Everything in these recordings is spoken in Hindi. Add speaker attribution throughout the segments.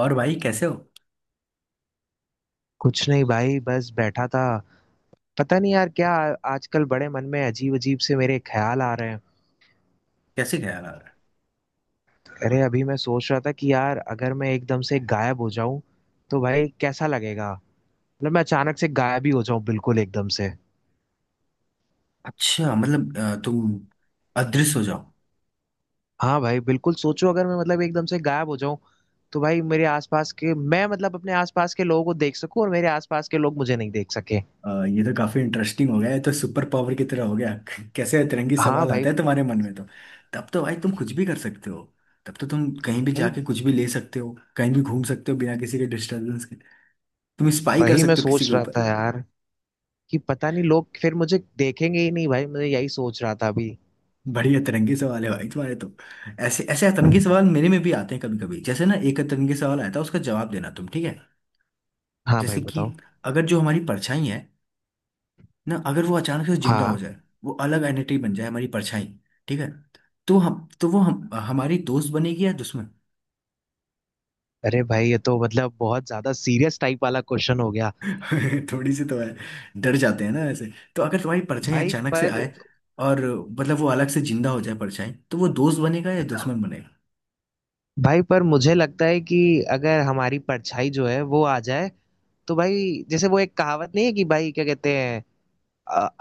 Speaker 1: और भाई कैसे हो।
Speaker 2: कुछ नहीं भाई, बस बैठा था। पता नहीं यार क्या आजकल बड़े मन में अजीब-अजीब से मेरे ख्याल आ रहे हैं।
Speaker 1: कैसे ख्याल आ रहा है।
Speaker 2: अरे अभी मैं सोच रहा था कि यार अगर मैं एकदम से गायब हो जाऊं तो भाई कैसा लगेगा? मतलब मैं अचानक से गायब ही हो जाऊं बिल्कुल एकदम से।
Speaker 1: अच्छा मतलब तुम अदृश्य हो जाओ।
Speaker 2: हाँ भाई बिल्कुल सोचो अगर मैं मतलब एकदम से गायब हो जाऊं तो भाई मेरे आसपास के मैं मतलब अपने आसपास के लोगों को देख सकूं और मेरे आसपास के लोग मुझे नहीं देख सके।
Speaker 1: ये तो काफी इंटरेस्टिंग हो गया ये तो सुपर पावर की तरह हो गया। कैसे अतरंगी
Speaker 2: हाँ
Speaker 1: सवाल
Speaker 2: भाई।
Speaker 1: आता है तुम्हारे मन में तो। तब तो भाई तुम कुछ भी कर सकते हो। तब तो तुम कहीं भी
Speaker 2: भाई
Speaker 1: जाके कुछ भी ले सकते हो, कहीं भी घूम सकते हो बिना किसी के डिस्टरबेंस के। तुम स्पाई कर
Speaker 2: वही मैं
Speaker 1: सकते हो किसी
Speaker 2: सोच
Speaker 1: के
Speaker 2: रहा
Speaker 1: ऊपर।
Speaker 2: था यार कि पता नहीं लोग फिर मुझे देखेंगे ही नहीं भाई मैं यही सोच रहा था अभी।
Speaker 1: बड़ी अतरंगी सवाल है भाई तुम्हारे तो। ऐसे ऐसे अतरंगी सवाल मेरे में भी आते हैं कभी कभी। जैसे ना एक अतरंगी सवाल आया था, उसका जवाब देना तुम, ठीक है।
Speaker 2: हाँ भाई
Speaker 1: जैसे कि
Speaker 2: बताओ।
Speaker 1: अगर जो हमारी परछाई है ना, अगर वो अचानक से जिंदा हो
Speaker 2: हाँ,
Speaker 1: जाए, वो अलग एंटिटी बन जाए हमारी परछाई, ठीक है, तो हम तो वो हम हमारी दोस्त बनेगी या दुश्मन।
Speaker 2: अरे भाई ये तो मतलब बहुत ज्यादा सीरियस टाइप वाला क्वेश्चन हो गया।
Speaker 1: थोड़ी सी तो है। डर जाते हैं ना ऐसे। तो अगर तुम्हारी परछाई
Speaker 2: भाई
Speaker 1: अचानक से
Speaker 2: पर,
Speaker 1: आए और मतलब वो अलग से जिंदा हो जाए परछाई, तो वो दोस्त बनेगा या दुश्मन बनेगा।
Speaker 2: भाई पर मुझे लगता है कि अगर हमारी परछाई जो है वो आ जाए तो भाई जैसे वो एक कहावत नहीं है कि भाई क्या कहते हैं,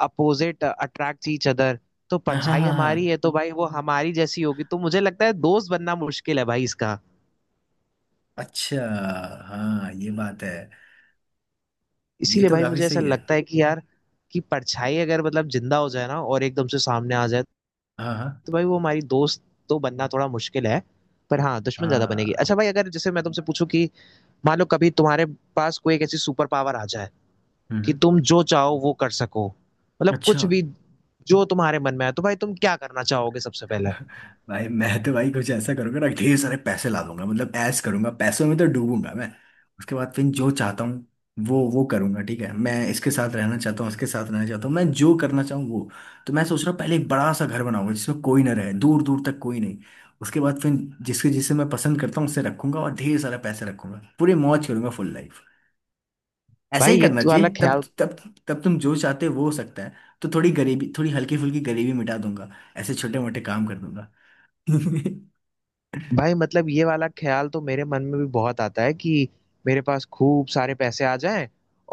Speaker 2: अपोजिट अट्रैक्ट ईच अदर। तो
Speaker 1: हाँ हाँ
Speaker 2: परछाई
Speaker 1: हाँ
Speaker 2: हमारी
Speaker 1: हाँ।
Speaker 2: है तो भाई वो हमारी जैसी होगी तो मुझे लगता है दोस्त बनना मुश्किल है भाई इसका।
Speaker 1: अच्छा। हाँ ये बात है। ये
Speaker 2: इसीलिए
Speaker 1: तो
Speaker 2: भाई
Speaker 1: काफी
Speaker 2: मुझे ऐसा
Speaker 1: सही है।
Speaker 2: लगता है कि यार कि परछाई अगर मतलब जिंदा हो जाए ना और एकदम से सामने आ जाए
Speaker 1: हाँ हाँ
Speaker 2: तो भाई वो हमारी दोस्त तो बनना थोड़ा मुश्किल है। पर हाँ दुश्मन ज्यादा बनेगी।
Speaker 1: हाँ।
Speaker 2: अच्छा भाई अगर जैसे मैं तुमसे पूछूं कि मान लो कभी तुम्हारे पास कोई एक ऐसी सुपर पावर आ जाए कि
Speaker 1: हम्म।
Speaker 2: तुम जो चाहो वो कर सको मतलब
Speaker 1: अच्छा।
Speaker 2: कुछ भी जो तुम्हारे मन में आए तो भाई तुम क्या करना चाहोगे सबसे पहले।
Speaker 1: भाई मैं तो भाई कुछ ऐसा करूंगा ना, ढेर सारे पैसे ला दूंगा, मतलब ऐश करूंगा, पैसों में तो डूबूंगा मैं। उसके बाद फिर जो चाहता हूँ वो करूंगा, ठीक है। मैं इसके साथ रहना चाहता हूँ, उसके साथ रहना चाहता हूँ, मैं जो करना चाहूँ वो। तो मैं सोच रहा हूँ, पहले एक बड़ा सा घर बनाऊंगा जिसमें कोई ना रहे, दूर दूर तक कोई नहीं। उसके बाद फिर जिसके जिसे मैं पसंद करता हूँ उसे रखूंगा, और ढेर सारा पैसे रखूंगा, पूरी मौज करूंगा, फुल लाइफ। ऐसा
Speaker 2: भाई
Speaker 1: ही
Speaker 2: ये
Speaker 1: करना
Speaker 2: तो
Speaker 1: चाहिए।
Speaker 2: वाला
Speaker 1: तब
Speaker 2: ख्याल।
Speaker 1: तब तब तुम जो चाहते हो वो हो सकता है। तो थोड़ी हल्की फुल्की गरीबी मिटा दूंगा, ऐसे छोटे मोटे काम कर दूंगा। हम्म।
Speaker 2: भाई मतलब ये वाला ख्याल तो मेरे मन में भी बहुत आता है कि मेरे पास खूब सारे पैसे आ जाएं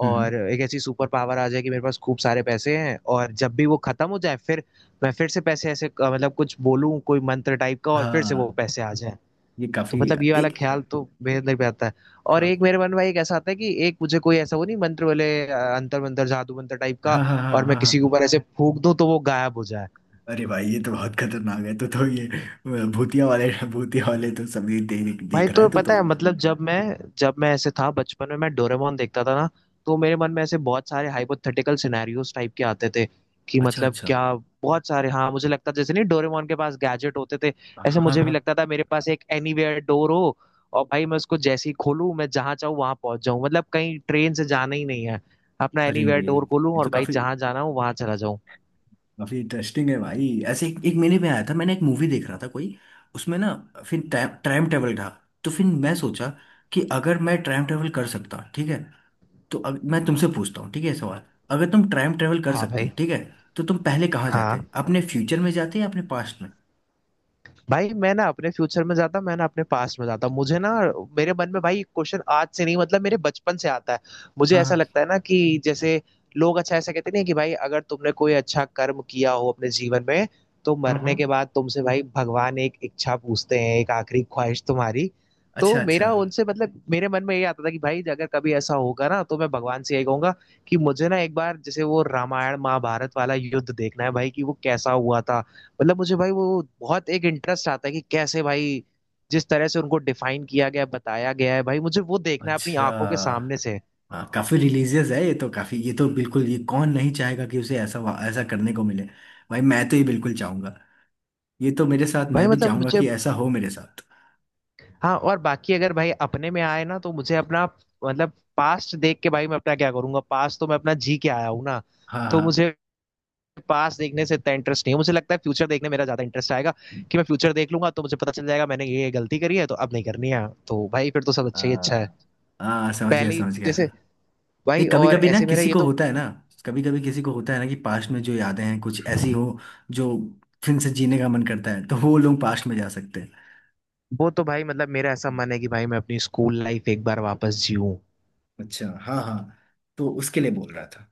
Speaker 2: और एक ऐसी सुपर पावर आ जाए कि मेरे पास खूब सारे पैसे हैं और जब भी वो खत्म हो जाए फिर मैं फिर से पैसे ऐसे मतलब कुछ बोलूं कोई मंत्र टाइप का और फिर से वो
Speaker 1: हाँ
Speaker 2: पैसे आ जाएं।
Speaker 1: ये
Speaker 2: तो
Speaker 1: काफी,
Speaker 2: मतलब ये वाला
Speaker 1: एक।
Speaker 2: ख्याल तो मेरे अंदर भी आता है। और
Speaker 1: हाँ
Speaker 2: एक मेरे मन में भाई एक ऐसा आता है कि एक मुझे कोई ऐसा वो नहीं मंत्र वाले अंतर मंत्र जादू मंत्र टाइप का
Speaker 1: हाँ हाँ
Speaker 2: और
Speaker 1: हाँ
Speaker 2: मैं
Speaker 1: हाँ
Speaker 2: किसी के
Speaker 1: हाँ।
Speaker 2: ऊपर ऐसे फूंक दूं तो वो गायब हो जाए।
Speaker 1: अरे भाई ये तो बहुत खतरनाक है। तो ये भूतिया वाले, भूतिया वाले तो सभी देख
Speaker 2: भाई
Speaker 1: देख रहा है
Speaker 2: तो
Speaker 1: तो तो।
Speaker 2: पता है मतलब जब मैं ऐसे था बचपन में मैं डोरेमोन देखता था ना तो मेरे मन में ऐसे बहुत सारे हाइपोथेटिकल सिनेरियोस टाइप के आते थे कि
Speaker 1: अच्छा
Speaker 2: मतलब
Speaker 1: अच्छा।
Speaker 2: क्या, बहुत सारे। हाँ मुझे लगता जैसे नहीं डोरेमोन के पास गैजेट होते थे ऐसे
Speaker 1: हाँ
Speaker 2: मुझे भी
Speaker 1: हाँ।
Speaker 2: लगता था मेरे पास एक एनीवेयर डोर हो और भाई मैं उसको जैसे ही खोलूं मैं जहां चाहूँ वहां पहुंच जाऊं मतलब कहीं ट्रेन से जाना ही नहीं है अपना
Speaker 1: अरे
Speaker 2: एनीवेयर डोर खोलूं
Speaker 1: ये
Speaker 2: और
Speaker 1: तो
Speaker 2: भाई
Speaker 1: काफी
Speaker 2: जहां जाना हो वहां चला जाऊं।
Speaker 1: काफी इंटरेस्टिंग है भाई। ऐसे एक मेले में आया था मैंने, एक मूवी देख रहा था कोई, उसमें ना फिर टाइम ट्रैवल था। तो फिर मैं सोचा कि अगर मैं टाइम ट्रैवल कर सकता, ठीक है, तो अब मैं तुमसे पूछता हूँ, ठीक है, सवाल। अगर तुम टाइम ट्रेवल कर
Speaker 2: हाँ
Speaker 1: सकते,
Speaker 2: भाई।
Speaker 1: ठीक है, तो तुम पहले कहाँ
Speaker 2: हाँ
Speaker 1: जाते, अपने फ्यूचर में जाते या अपने पास्ट में।
Speaker 2: भाई मैं ना अपने फ्यूचर में जाता मैं ना अपने पास्ट में जाता मुझे ना मेरे मन में भाई क्वेश्चन आज से नहीं मतलब मेरे बचपन से आता है। मुझे
Speaker 1: हाँ
Speaker 2: ऐसा
Speaker 1: हाँ
Speaker 2: लगता है ना कि जैसे लोग अच्छा ऐसा कहते नहीं है कि भाई अगर तुमने कोई अच्छा कर्म किया हो अपने जीवन में तो
Speaker 1: हाँ हाँ।
Speaker 2: मरने के बाद तुमसे भाई भगवान एक इच्छा पूछते हैं, एक आखिरी ख्वाहिश तुम्हारी।
Speaker 1: अच्छा
Speaker 2: तो
Speaker 1: अच्छा।
Speaker 2: मेरा उनसे मतलब मेरे मन में ये आता था कि भाई अगर कभी ऐसा होगा ना तो मैं भगवान से यही कहूंगा कि मुझे ना एक बार जैसे वो रामायण महाभारत वाला युद्ध देखना है भाई कि वो कैसा हुआ था। मतलब मुझे भाई वो बहुत एक इंटरेस्ट आता है कि कैसे भाई, जिस तरह से उनको डिफाइन किया गया है, बताया गया है भाई मुझे वो देखना है अपनी
Speaker 1: अच्छा
Speaker 2: आंखों के सामने से।
Speaker 1: हाँ काफी रिलीजियस है, ये तो काफी, ये तो बिल्कुल, ये कौन नहीं चाहेगा कि उसे ऐसा ऐसा करने को मिले। भाई मैं तो ये बिल्कुल चाहूंगा। ये तो मेरे साथ,
Speaker 2: भाई
Speaker 1: मैं भी
Speaker 2: मतलब
Speaker 1: चाहूंगा
Speaker 2: मुझे,
Speaker 1: कि ऐसा हो मेरे साथ।
Speaker 2: हाँ और बाकी अगर भाई अपने में आए ना तो मुझे अपना, मतलब पास्ट देख के भाई मैं अपना क्या करूंगा, पास्ट तो मैं अपना जी के आया हूँ ना।
Speaker 1: हाँ
Speaker 2: तो
Speaker 1: हाँ
Speaker 2: मुझे पास्ट देखने से इतना इंटरेस्ट नहीं है मुझे लगता है फ्यूचर देखने मेरा ज्यादा इंटरेस्ट आएगा कि मैं फ्यूचर देख लूंगा तो मुझे पता चल जाएगा मैंने ये गलती करी है तो अब नहीं करनी है तो भाई फिर तो सब अच्छा ही अच्छा है,
Speaker 1: हाँ। हाँ समझ गया
Speaker 2: पहले ही
Speaker 1: समझ गया।
Speaker 2: जैसे।
Speaker 1: नहीं,
Speaker 2: भाई
Speaker 1: कभी
Speaker 2: और
Speaker 1: कभी ना
Speaker 2: ऐसे मेरा
Speaker 1: किसी
Speaker 2: ये
Speaker 1: को
Speaker 2: तो,
Speaker 1: होता है ना, कभी कभी किसी को होता है ना कि पास्ट में जो यादें हैं कुछ ऐसी हो जो फिर से जीने का मन करता है, तो वो लोग पास्ट में जा सकते हैं।
Speaker 2: वो तो भाई मतलब मेरा ऐसा मन है कि भाई मैं अपनी स्कूल लाइफ एक बार वापस जीऊं।
Speaker 1: अच्छा हाँ हाँ, तो उसके लिए बोल रहा था।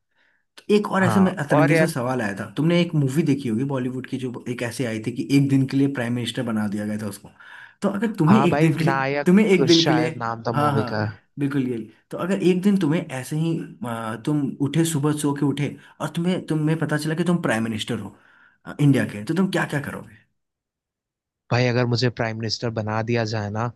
Speaker 1: एक और ऐसे
Speaker 2: हाँ
Speaker 1: में
Speaker 2: और
Speaker 1: अतरंगी से
Speaker 2: यार,
Speaker 1: सवाल आया था। तुमने एक मूवी देखी होगी बॉलीवुड की जो एक ऐसे आई थी कि एक दिन के लिए प्राइम मिनिस्टर बना दिया गया था उसको। तो अगर तुम्हें
Speaker 2: हाँ
Speaker 1: एक
Speaker 2: भाई
Speaker 1: दिन के लिए,
Speaker 2: नायक शायद नाम था
Speaker 1: हाँ
Speaker 2: मूवी
Speaker 1: हाँ
Speaker 2: का।
Speaker 1: बिल्कुल ये, तो अगर एक दिन तुम्हें ऐसे ही तुम उठे सुबह, सो के उठे और तुम्हें तुम्हें पता चला कि तुम प्राइम मिनिस्टर हो, इंडिया के, तो तुम क्या क्या करोगे।
Speaker 2: भाई अगर मुझे प्राइम मिनिस्टर बना दिया जाए ना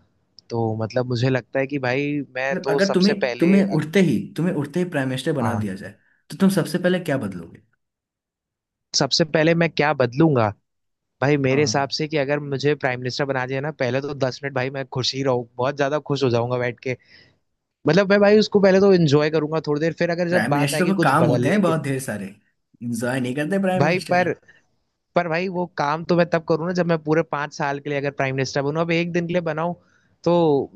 Speaker 2: तो मतलब मुझे लगता है कि भाई मैं
Speaker 1: मतलब
Speaker 2: तो
Speaker 1: अगर
Speaker 2: सबसे
Speaker 1: तुम्हें
Speaker 2: पहले,
Speaker 1: तुम्हें उठते ही प्राइम मिनिस्टर बना
Speaker 2: हाँ
Speaker 1: दिया जाए, तो तुम सबसे पहले क्या बदलोगे।
Speaker 2: सबसे पहले मैं क्या बदलूंगा। भाई
Speaker 1: हाँ
Speaker 2: मेरे हिसाब
Speaker 1: हाँ।
Speaker 2: से कि अगर मुझे प्राइम मिनिस्टर बना दिया ना पहले तो 10 मिनट भाई मैं खुश ही रहूँ, बहुत ज्यादा खुश हो जाऊंगा बैठ के। मतलब मैं भाई उसको पहले तो एंजॉय करूंगा थोड़ी देर, फिर अगर जब
Speaker 1: प्राइम
Speaker 2: बात
Speaker 1: मिनिस्टर
Speaker 2: आएगी
Speaker 1: को
Speaker 2: कुछ
Speaker 1: काम होते हैं
Speaker 2: बदलने की।
Speaker 1: बहुत ढेर सारे, इंजॉय नहीं करते प्राइम
Speaker 2: भाई
Speaker 1: मिनिस्टर।
Speaker 2: पर भाई वो काम तो मैं तब करूँ ना जब मैं पूरे 5 साल के लिए अगर प्राइम मिनिस्टर बनूं, अब एक दिन के लिए बनाऊं तो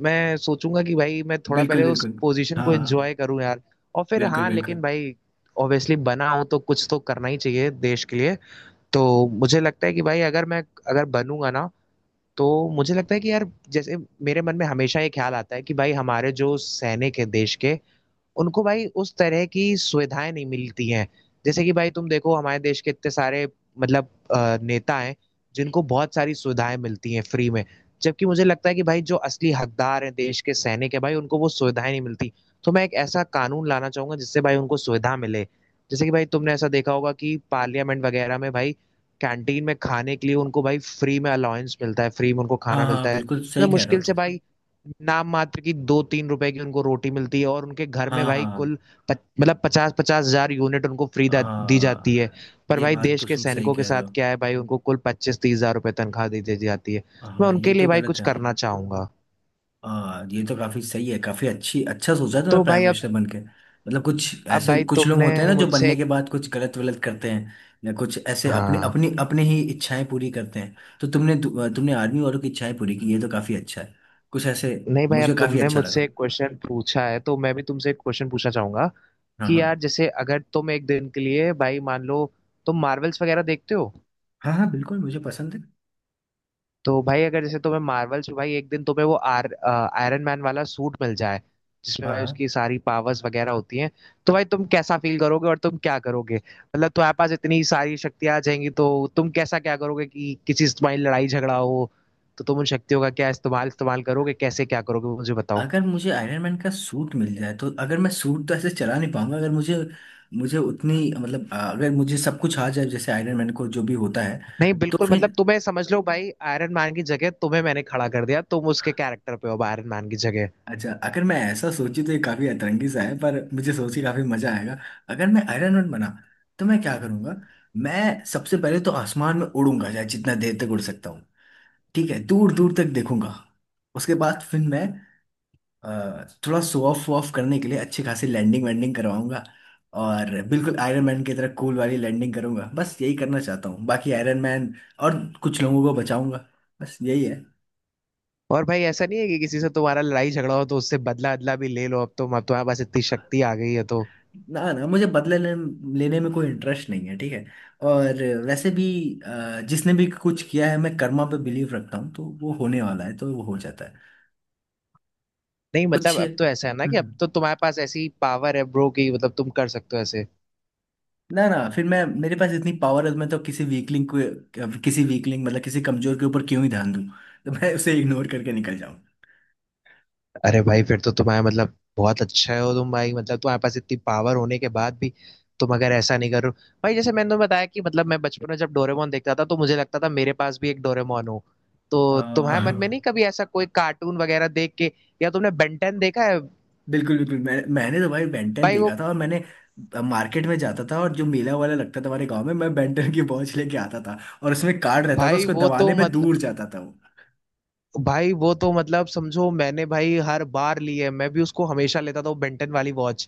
Speaker 2: मैं सोचूंगा कि भाई मैं थोड़ा
Speaker 1: बिल्कुल
Speaker 2: पहले उस
Speaker 1: बिल्कुल।
Speaker 2: पोजीशन को
Speaker 1: हाँ।
Speaker 2: एंजॉय करूं यार। और फिर
Speaker 1: बिल्कुल
Speaker 2: हाँ लेकिन
Speaker 1: बिल्कुल।
Speaker 2: भाई ऑब्वियसली बना हूं तो कुछ तो करना ही चाहिए देश के लिए। तो मुझे लगता है कि भाई अगर मैं, अगर बनूंगा ना तो मुझे लगता है कि यार, जैसे मेरे मन में हमेशा ये ख्याल आता है कि भाई हमारे जो सैनिक है देश के उनको भाई उस तरह की सुविधाएं नहीं मिलती हैं। जैसे कि भाई तुम देखो हमारे देश के इतने सारे मतलब नेता हैं जिनको बहुत सारी सुविधाएं मिलती हैं फ्री में, जबकि मुझे लगता है कि भाई जो असली हकदार हैं देश के सैनिक हैं भाई उनको वो सुविधाएं नहीं मिलती। तो मैं एक ऐसा कानून लाना चाहूंगा जिससे भाई उनको सुविधा मिले। जैसे कि भाई तुमने ऐसा देखा होगा कि पार्लियामेंट वगैरह में भाई कैंटीन में खाने के लिए उनको भाई फ्री में अलाउंस मिलता है, फ्री में उनको
Speaker 1: हाँ
Speaker 2: खाना
Speaker 1: हाँ
Speaker 2: मिलता है
Speaker 1: बिल्कुल सही
Speaker 2: मतलब
Speaker 1: कह रहे हो
Speaker 2: मुश्किल से
Speaker 1: तुम।
Speaker 2: भाई नाम मात्र की 2-3 रुपए की उनको रोटी मिलती है और उनके घर
Speaker 1: हाँ
Speaker 2: में भाई
Speaker 1: हाँ
Speaker 2: कुल मतलब 50-50 हज़ार यूनिट उनको फ्री दी जाती है।
Speaker 1: हाँ।
Speaker 2: पर
Speaker 1: ये
Speaker 2: भाई
Speaker 1: बात
Speaker 2: देश
Speaker 1: तो
Speaker 2: के
Speaker 1: तुम सही
Speaker 2: सैनिकों के
Speaker 1: कह रहे
Speaker 2: साथ
Speaker 1: हो।
Speaker 2: क्या है भाई उनको कुल 25-30 हज़ार रुपए तनख्वाह दी दी जाती है। मैं
Speaker 1: हाँ
Speaker 2: उनके
Speaker 1: ये
Speaker 2: लिए
Speaker 1: तो
Speaker 2: भाई
Speaker 1: गलत
Speaker 2: कुछ
Speaker 1: है।
Speaker 2: करना चाहूंगा।
Speaker 1: हाँ ये तो काफी सही है, काफी अच्छी, अच्छा सोचा तुमने
Speaker 2: तो
Speaker 1: प्राइम
Speaker 2: भाई अब
Speaker 1: मिनिस्टर बन के। मतलब कुछ
Speaker 2: अब
Speaker 1: ऐसे
Speaker 2: भाई
Speaker 1: कुछ लोग
Speaker 2: तुमने
Speaker 1: होते हैं ना जो
Speaker 2: मुझसे
Speaker 1: बनने
Speaker 2: एक,
Speaker 1: के बाद कुछ गलत वलत करते हैं या कुछ ऐसे
Speaker 2: हाँ
Speaker 1: अपने ही इच्छाएं पूरी करते हैं। तो तुमने तुमने आर्मी वालों की इच्छाएं पूरी की, ये तो काफी अच्छा है। कुछ ऐसे।
Speaker 2: नहीं भाई अब
Speaker 1: मुझे काफी
Speaker 2: तुमने
Speaker 1: अच्छा
Speaker 2: मुझसे
Speaker 1: लगा।
Speaker 2: एक क्वेश्चन पूछा है तो मैं भी तुमसे एक क्वेश्चन पूछना चाहूंगा
Speaker 1: हाँ
Speaker 2: कि यार
Speaker 1: हाँ।
Speaker 2: जैसे अगर तुम एक दिन के लिए भाई मान लो तुम मार्वल्स वगैरह देखते हो
Speaker 1: हाँ हाँ बिल्कुल मुझे पसंद है।
Speaker 2: तो भाई अगर जैसे तुम्हें मार्वल्स में भाई एक दिन तुम्हें वो आर आयरन मैन वाला सूट मिल जाए जिसमें
Speaker 1: हाँ
Speaker 2: भाई
Speaker 1: हाँ।
Speaker 2: उसकी सारी पावर्स वगैरह होती हैं तो भाई तुम कैसा फील करोगे और तुम क्या करोगे, मतलब तुम्हारे पास इतनी सारी शक्तियां आ जाएंगी तो तुम कैसा क्या करोगे कि किसी से तुम्हारी लड़ाई झगड़ा हो तो तुम उन शक्तियों का क्या इस्तेमाल इस्तेमाल करोगे, कैसे क्या करोगे वो मुझे बताओ।
Speaker 1: अगर मुझे आयरन मैन का सूट मिल जाए, तो अगर मैं सूट तो ऐसे चला नहीं पाऊंगा, अगर मुझे, मुझे उतनी, मतलब अगर मुझे सब कुछ आ जाए जैसे आयरन मैन को जो भी होता है,
Speaker 2: नहीं
Speaker 1: तो
Speaker 2: बिल्कुल मतलब
Speaker 1: फिर।
Speaker 2: तुम्हें समझ लो भाई आयरन मैन की जगह तुम्हें मैंने खड़ा कर दिया, तुम उसके कैरेक्टर पे हो आयरन मैन की जगह।
Speaker 1: अच्छा, अगर मैं ऐसा सोची तो ये काफी अतरंगी सा है, पर मुझे सोच के काफी मजा आएगा। अगर मैं आयरन मैन बना, तो मैं क्या करूंगा। मैं सबसे पहले तो आसमान में उड़ूंगा, चाहे जितना देर तक उड़ सकता हूँ, ठीक है, दूर दूर तक देखूंगा। उसके बाद फिर मैं थोड़ा शो ऑफ ऑफ करने के लिए अच्छी खासी लैंडिंग वैंडिंग करवाऊंगा, और बिल्कुल आयरन मैन की तरह कूल वाली लैंडिंग करूंगा, बस यही करना चाहता हूँ, बाकी आयरन मैन, और कुछ लोगों को बचाऊंगा, बस यही है।
Speaker 2: और भाई ऐसा नहीं है कि किसी से तुम्हारा लड़ाई झगड़ा हो तो उससे बदला अदला भी ले लो, अब तो मतलब तुम्हारे पास इतनी शक्ति आ गई है तो।
Speaker 1: ना ना, मुझे लेने में कोई इंटरेस्ट नहीं है, ठीक है। और वैसे भी जिसने भी कुछ किया है, मैं कर्मा पे बिलीव रखता हूँ, तो वो होने वाला है तो वो हो जाता है।
Speaker 2: नहीं
Speaker 1: कुछ
Speaker 2: मतलब अब तो ऐसा है ना कि अब तो तुम्हारे पास ऐसी पावर है ब्रो कि मतलब तुम कर सकते हो ऐसे।
Speaker 1: ना ना, फिर मैं मेरे पास इतनी पावर है, मैं तो किसी वीकलिंग को, किसी वीकलिंग मतलब किसी कमजोर के ऊपर क्यों ही ध्यान दूं, तो मैं उसे इग्नोर करके निकल जाऊं।
Speaker 2: अरे भाई फिर तो तुम्हारे मतलब बहुत अच्छा हो तुम भाई, मतलब तुम्हारे पास इतनी पावर होने के बाद भी तुम अगर ऐसा नहीं करो। भाई जैसे मैंने तुम्हें बताया कि मतलब मैं बचपन में जब डोरेमोन देखता था तो मुझे लगता था मेरे पास भी एक डोरेमोन हो, तो
Speaker 1: अ,
Speaker 2: तुम्हारे मन में नहीं कभी ऐसा कोई कार्टून वगैरह देख के, या तुमने बेंटेन देखा है?
Speaker 1: बिल्कुल बिल्कुल, मैंने तो भाई बेंटन
Speaker 2: भाई वो,
Speaker 1: देखा था, और मैंने मार्केट में जाता था, और जो मेला वाला लगता था हमारे गांव में, मैं बेंटन की वॉच लेके आता था, और उसमें कार्ड रहता था,
Speaker 2: भाई
Speaker 1: उसको
Speaker 2: वो तो
Speaker 1: दबाने पे दूर
Speaker 2: मतलब,
Speaker 1: जाता था वो।
Speaker 2: भाई वो तो मतलब समझो मैंने भाई हर बार ली है, मैं भी उसको हमेशा लेता था वो बेंटन वाली वॉच।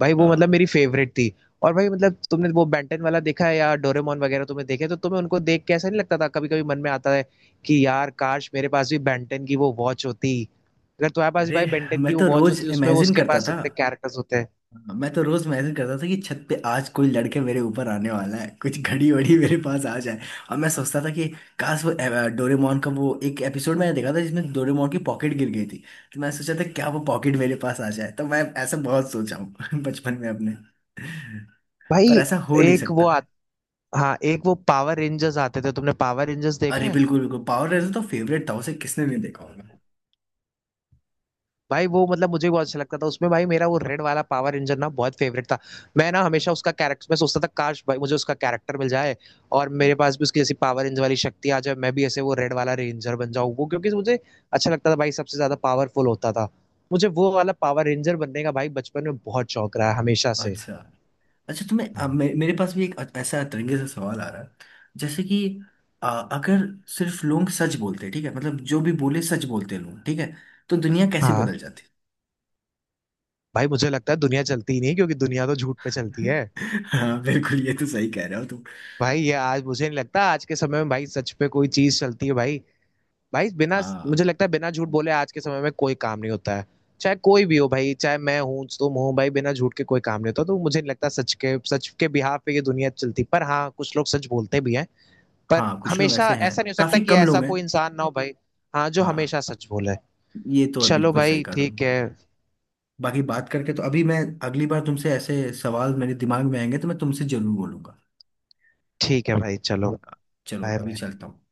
Speaker 2: भाई
Speaker 1: अ,
Speaker 2: वो मतलब मेरी फेवरेट थी। और भाई मतलब तुमने वो बेंटन वाला देखा है या डोरेमोन वगैरह तुमने देखे तो तुम्हें उनको देख के ऐसा नहीं लगता था कभी कभी मन में आता है कि यार काश मेरे पास भी बेंटन की वो वॉच होती। अगर तुम्हारे पास भी
Speaker 1: अरे
Speaker 2: भाई बेंटन की
Speaker 1: मैं
Speaker 2: वो
Speaker 1: तो
Speaker 2: वॉच
Speaker 1: रोज
Speaker 2: होती उसमें वो
Speaker 1: इमेजिन
Speaker 2: उसके
Speaker 1: करता
Speaker 2: पास
Speaker 1: था।
Speaker 2: इतने कैरेक्टर्स होते हैं।
Speaker 1: हाँ, मैं तो रोज मैसेज करता था कि छत पे आज कोई लड़के मेरे ऊपर आने वाला है, कुछ घड़ी वड़ी मेरे पास आ जाए। और मैं सोचता था कि काश वो डोरेमोन का वो एक एपिसोड मैंने देखा था जिसमें डोरेमोन की पॉकेट गिर गई थी, तो मैं सोचा था क्या वो पॉकेट मेरे पास आ जाए। तो मैं ऐसा बहुत सोचा हूँ बचपन में अपने।
Speaker 2: भाई
Speaker 1: पर ऐसा हो नहीं
Speaker 2: एक वो
Speaker 1: सकता।
Speaker 2: हाँ एक वो पावर रेंजर्स आते थे, तुमने पावर रेंजर्स देखे
Speaker 1: अरे
Speaker 2: हैं?
Speaker 1: बिल्कुल बिल्कुल, पावर रेंजर तो फेवरेट था, उसे किसने नहीं देखा होगा।
Speaker 2: भाई वो मतलब मुझे बहुत अच्छा लगता था, उसमें भाई मेरा वो रेड वाला पावर रेंजर ना बहुत फेवरेट था। मैं ना हमेशा उसका कैरेक्टर मैं सोचता था काश भाई मुझे उसका कैरेक्टर मिल जाए और मेरे पास भी उसकी जैसी पावर रेंजर वाली शक्ति आ जाए, मैं भी ऐसे वो रेड वाला रेंजर बन जाऊं, वो क्योंकि मुझे अच्छा लगता था भाई, सबसे ज्यादा पावरफुल होता था। मुझे वो वाला पावर रेंजर बनने का भाई बचपन में बहुत शौक रहा है हमेशा से।
Speaker 1: अच्छा। अच्छा तुम्हें, अब मेरे पास भी एक ऐसा तरीके से सवाल आ रहा है, जैसे कि अ, अगर सिर्फ लोग सच बोलते, ठीक है, मतलब जो भी बोले सच बोलते लोग, ठीक है, तो दुनिया कैसे बदल
Speaker 2: हाँ
Speaker 1: जाती।
Speaker 2: भाई मुझे लगता है दुनिया चलती ही नहीं क्योंकि दुनिया तो झूठ पे चलती है।
Speaker 1: हाँ बिल्कुल, ये तो सही कह रहे हो तुम।
Speaker 2: भाई ये आज मुझे नहीं लगता आज के समय में भाई सच पे कोई चीज चलती है भाई। भाई बिना, मुझे
Speaker 1: हाँ
Speaker 2: लगता है बिना झूठ बोले आज के समय में कोई काम नहीं होता है, चाहे कोई भी हो भाई चाहे मैं हूँ तुम हो भाई बिना झूठ के कोई काम नहीं होता तो मुझे नहीं लगता सच के बिहाफ पे ये दुनिया चलती, पर हाँ कुछ लोग सच बोलते भी हैं। पर
Speaker 1: हाँ, कुछ लोग
Speaker 2: हमेशा
Speaker 1: ऐसे हैं,
Speaker 2: ऐसा नहीं हो सकता
Speaker 1: काफी
Speaker 2: कि
Speaker 1: कम
Speaker 2: ऐसा
Speaker 1: लोग हैं।
Speaker 2: कोई इंसान ना हो भाई। हाँ जो
Speaker 1: हाँ
Speaker 2: हमेशा सच बोले।
Speaker 1: ये तो है,
Speaker 2: चलो
Speaker 1: बिल्कुल सही
Speaker 2: भाई
Speaker 1: कहा तुम।
Speaker 2: ठीक है।
Speaker 1: बाकी बात करके तो अभी मैं, अगली बार तुमसे ऐसे सवाल मेरे दिमाग में आएंगे तो मैं तुमसे जरूर बोलूंगा।
Speaker 2: ठीक है भाई चलो।
Speaker 1: चलो
Speaker 2: बाय
Speaker 1: अभी
Speaker 2: बाय।
Speaker 1: चलता हूँ।